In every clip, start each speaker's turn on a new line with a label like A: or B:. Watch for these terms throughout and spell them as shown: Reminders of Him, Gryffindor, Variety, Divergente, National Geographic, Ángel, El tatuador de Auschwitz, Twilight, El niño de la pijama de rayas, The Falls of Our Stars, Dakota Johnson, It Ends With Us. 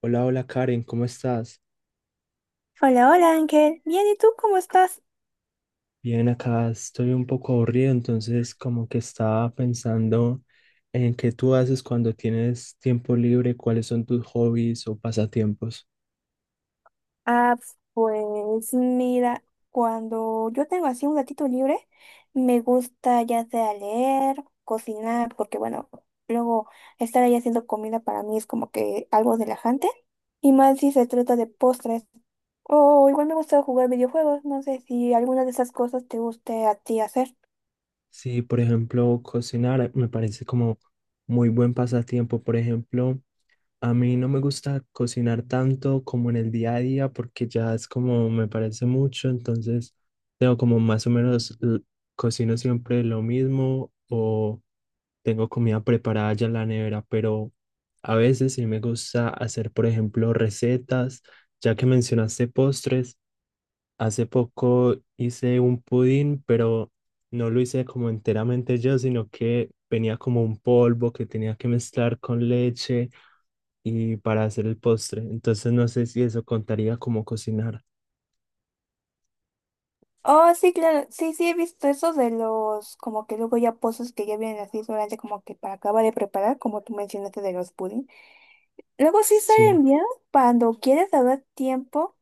A: Hola, hola Karen, ¿cómo estás?
B: Hola, hola Ángel. Bien, ¿y tú cómo estás?
A: Bien, acá estoy un poco aburrido, entonces como que estaba pensando en qué tú haces cuando tienes tiempo libre, cuáles son tus hobbies o pasatiempos.
B: Ah, pues mira, cuando yo tengo así un ratito libre, me gusta ya sea leer, cocinar, porque bueno, luego estar ahí haciendo comida para mí es como que algo relajante. Y más si se trata de postres. O igual me gusta jugar videojuegos. No sé si alguna de esas cosas te guste a ti hacer.
A: Sí, por ejemplo, cocinar me parece como muy buen pasatiempo. Por ejemplo, a mí no me gusta cocinar tanto como en el día a día porque ya es como me parece mucho, entonces tengo como más o menos cocino siempre lo mismo o tengo comida preparada ya en la nevera, pero a veces sí me gusta hacer, por ejemplo, recetas, ya que mencionaste postres, hace poco hice un pudín, pero no lo hice como enteramente yo, sino que venía como un polvo que tenía que mezclar con leche y para hacer el postre. Entonces no sé si eso contaría como cocinar.
B: Oh, sí, claro. Sí, sí, he visto eso de los, como que luego ya pozos que ya vienen así solamente como que para acabar de preparar, como tú mencionaste de los pudding. Luego sí
A: Sí.
B: salen bien cuando quieres dar tiempo,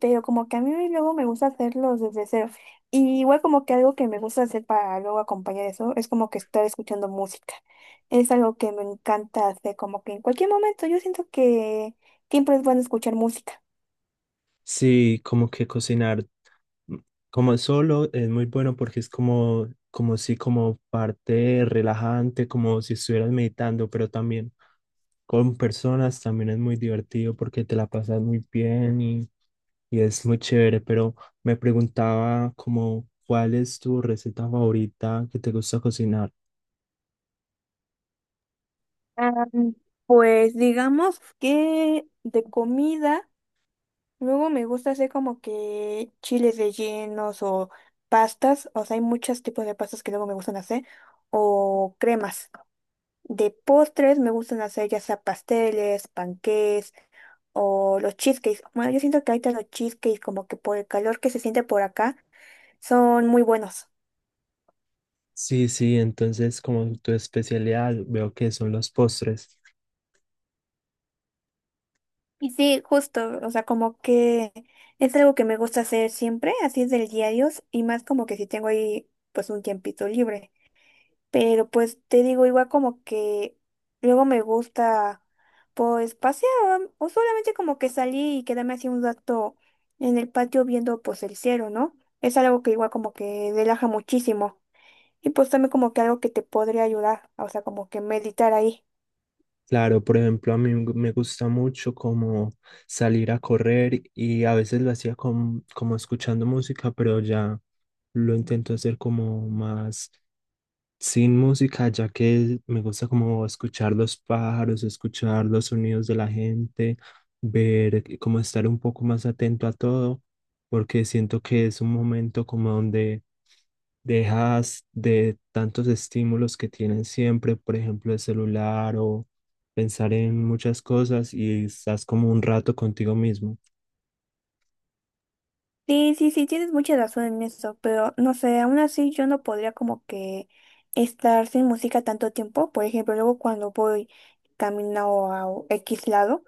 B: pero como que a mí luego me gusta hacerlos desde cero. Y igual como que algo que me gusta hacer para luego acompañar eso es como que estar escuchando música. Es algo que me encanta hacer, como que en cualquier momento yo siento que siempre es bueno escuchar música.
A: Sí, como que cocinar mm, como solo es muy bueno porque es como, como si como parte relajante, como si estuvieras meditando, pero también con personas también es muy divertido porque te la pasas muy bien y es muy chévere, pero me preguntaba como cuál es tu receta favorita que te gusta cocinar.
B: Ah, pues digamos que de comida. Luego me gusta hacer como que chiles rellenos o pastas, o sea, hay muchos tipos de pastas que luego me gustan hacer, o cremas. De postres me gustan hacer ya sea pasteles, panqués o los cheesecakes. Bueno, yo siento que ahorita los cheesecakes como que por el calor que se siente por acá son muy buenos.
A: Sí, sí, entonces como tu especialidad veo que son los postres.
B: Y sí, justo, o sea, como que es algo que me gusta hacer siempre, así es del diario, y más como que si tengo ahí pues un tiempito libre. Pero pues te digo, igual como que luego me gusta pues pasear o solamente como que salir y quedarme así un rato en el patio viendo pues el cielo, ¿no? Es algo que igual como que relaja muchísimo y pues también como que algo que te podría ayudar, o sea, como que meditar ahí.
A: Claro, por ejemplo, a mí me gusta mucho como salir a correr y a veces lo hacía como escuchando música, pero ya lo intento hacer como más sin música, ya que me gusta como escuchar los pájaros, escuchar los sonidos de la gente, ver, como estar un poco más atento a todo, porque siento que es un momento como donde dejas de tantos estímulos que tienen siempre, por ejemplo, el celular o pensar en muchas cosas y estás como un rato contigo mismo.
B: Sí, sí, sí, tienes mucha razón en eso, pero no sé, aún así yo no podría como que estar sin música tanto tiempo. Por ejemplo, luego cuando voy camino a X lado.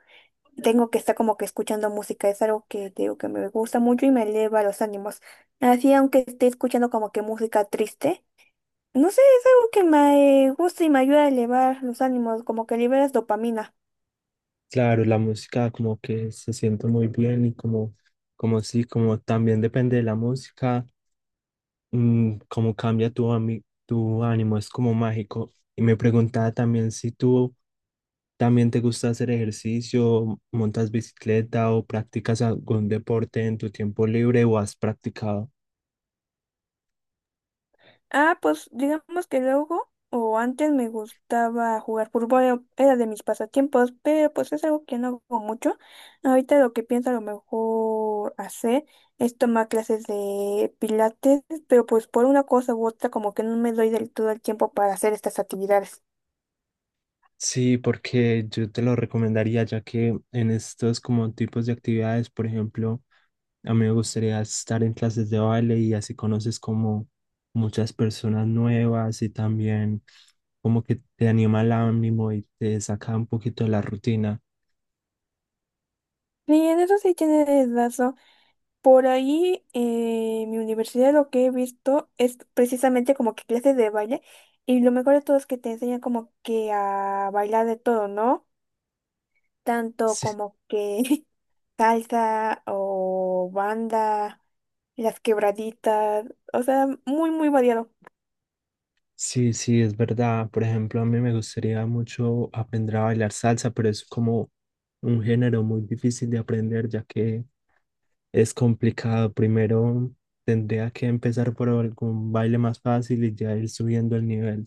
B: Tengo que estar como que escuchando música, es algo que te digo que me gusta mucho y me eleva los ánimos. Así aunque esté escuchando como que música triste, no sé, es algo que me gusta y me ayuda a elevar los ánimos, como que liberas dopamina.
A: Claro, la música como que se siente muy bien y como, como sí, como también depende de la música. Cómo cambia tu, tu ánimo, es como mágico. Y me preguntaba también si tú también te gusta hacer ejercicio, montas bicicleta o practicas algún deporte en tu tiempo libre o has practicado.
B: Ah, pues digamos que luego o antes me gustaba jugar fútbol, era de mis pasatiempos, pero pues es algo que no hago mucho. Ahorita lo que pienso a lo mejor hacer es tomar clases de pilates, pero pues por una cosa u otra como que no me doy del todo el tiempo para hacer estas actividades.
A: Sí, porque yo te lo recomendaría ya que en estos como tipos de actividades, por ejemplo, a mí me gustaría estar en clases de baile y así conoces como muchas personas nuevas y también como que te anima el ánimo y te saca un poquito de la rutina.
B: Y en eso sí tienes razón. Por ahí mi universidad lo que he visto es precisamente como que clases de baile y lo mejor de todo es que te enseñan como que a bailar de todo, ¿no? Tanto
A: Sí,
B: como que salsa o banda, las quebraditas, o sea, muy, muy variado.
A: sí, sí, es verdad. Por ejemplo, a mí me gustaría mucho aprender a bailar salsa, pero es como un género muy difícil de aprender ya que es complicado. Primero tendría que empezar por algún baile más fácil y ya ir subiendo el nivel.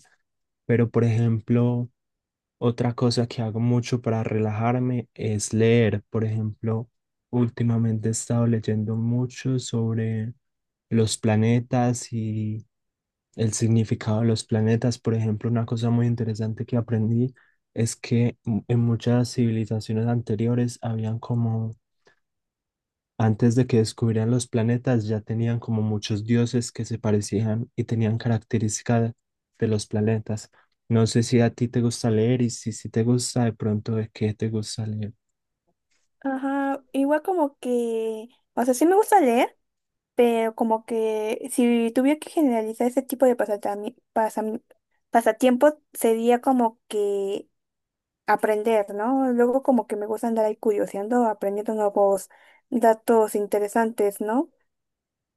A: Pero, por ejemplo, otra cosa que hago mucho para relajarme es leer. Por ejemplo, últimamente he estado leyendo mucho sobre los planetas y el significado de los planetas. Por ejemplo, una cosa muy interesante que aprendí es que en muchas civilizaciones anteriores habían como antes de que descubrieran los planetas, ya tenían como muchos dioses que se parecían y tenían características de los planetas. No sé si a ti te gusta leer y si te gusta, de pronto, ¿de qué te gusta leer?
B: Ajá, igual como que, o sea, sí me gusta leer, pero como que si tuviera que generalizar ese tipo de pasatiempos, sería como que aprender, ¿no? Luego como que me gusta andar ahí curioseando, aprendiendo nuevos datos interesantes, ¿no?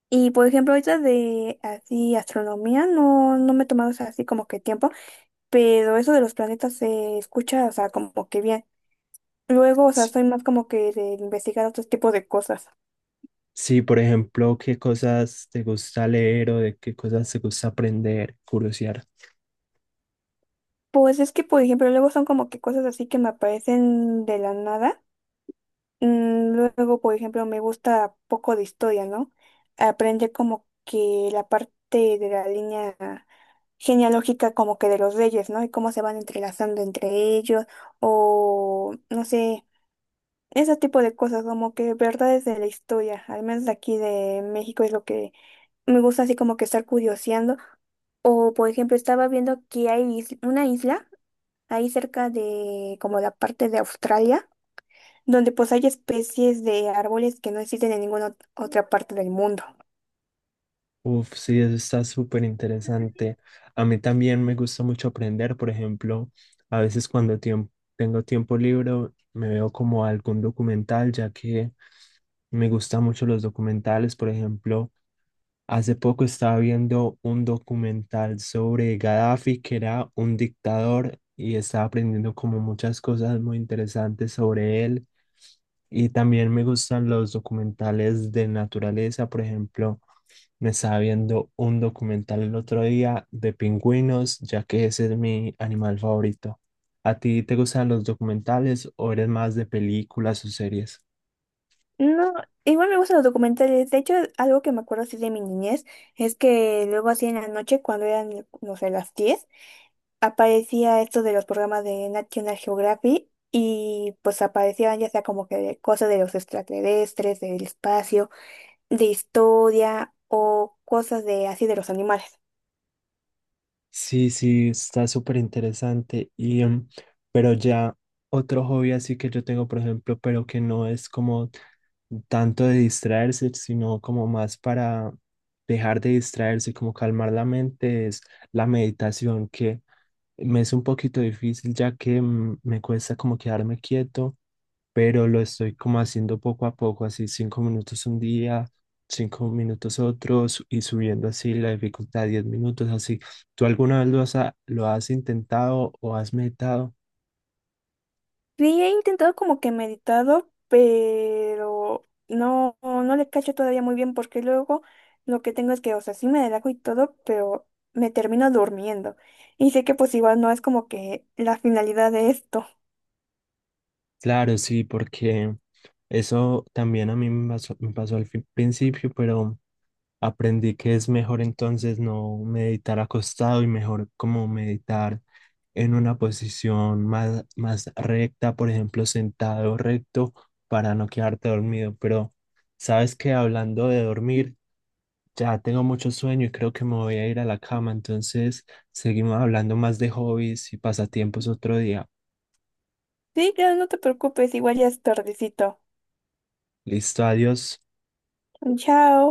B: Y por ejemplo, ahorita de así astronomía no, no me he tomado, o sea, así como que tiempo, pero eso de los planetas se escucha, o sea, como que bien. Luego, o sea,
A: S-
B: soy más como que de investigar otros tipos de cosas.
A: Sí, por ejemplo, ¿qué cosas te gusta leer o de qué cosas te gusta aprender, curiosear?
B: Pues es que, por ejemplo, luego son como que cosas así que me aparecen de la nada. Luego, por ejemplo, me gusta poco de historia, ¿no? Aprender como que la parte de la línea genealógica como que de los reyes, ¿no? Y cómo se van entrelazando entre ellos o no sé, ese tipo de cosas, como que verdades de la historia, al menos de aquí de México, es lo que me gusta así como que estar curioseando. O, por ejemplo, estaba viendo que hay una isla ahí cerca de como la parte de Australia donde pues hay especies de árboles que no existen en ninguna otra parte del mundo.
A: Uf, sí, eso está súper interesante. A mí también me gusta mucho aprender, por ejemplo, a veces cuando tengo tiempo libre me veo como algún documental, ya que me gustan mucho los documentales. Por ejemplo, hace poco estaba viendo un documental sobre Gaddafi, que era un dictador, y estaba aprendiendo como muchas cosas muy interesantes sobre él. Y también me gustan los documentales de naturaleza, por ejemplo. Me estaba viendo un documental el otro día de pingüinos, ya que ese es mi animal favorito. ¿A ti te gustan los documentales o eres más de películas o series?
B: No, igual me gustan los documentales. De hecho, algo que me acuerdo así de mi niñez es que luego así en la noche, cuando eran, no sé, las 10, aparecía esto de los programas de National Geographic y pues aparecían ya sea como que de cosas de los extraterrestres, del espacio, de historia o cosas de así de los animales.
A: Sí, sí, está súper interesante. Y, pero ya otro hobby así que yo tengo, por ejemplo, pero que no es como tanto de distraerse, sino como más para dejar de distraerse, como calmar la mente, es la meditación, que me es un poquito difícil ya que me cuesta como quedarme quieto, pero lo estoy como haciendo poco a poco, así 5 minutos un día, 5 minutos otros y subiendo así la dificultad, 10 minutos así. ¿Tú alguna vez lo has, lo has intentado o has meditado?
B: Sí, he intentado como que meditado, pero no, no le cacho todavía muy bien porque luego lo que tengo es que, o sea, sí me relajo y todo, pero me termino durmiendo. Y sé que pues igual no es como que la finalidad de esto.
A: Claro, sí, porque eso también a mí me pasó al principio, pero aprendí que es mejor entonces no meditar acostado y mejor como meditar en una posición más, más recta, por ejemplo, sentado recto para no quedarte dormido. Pero sabes que hablando de dormir, ya tengo mucho sueño y creo que me voy a ir a la cama. Entonces, seguimos hablando más de hobbies y pasatiempos otro día.
B: Sí, claro, no te preocupes, igual ya es tardecito.
A: Listo, adiós.
B: Chao.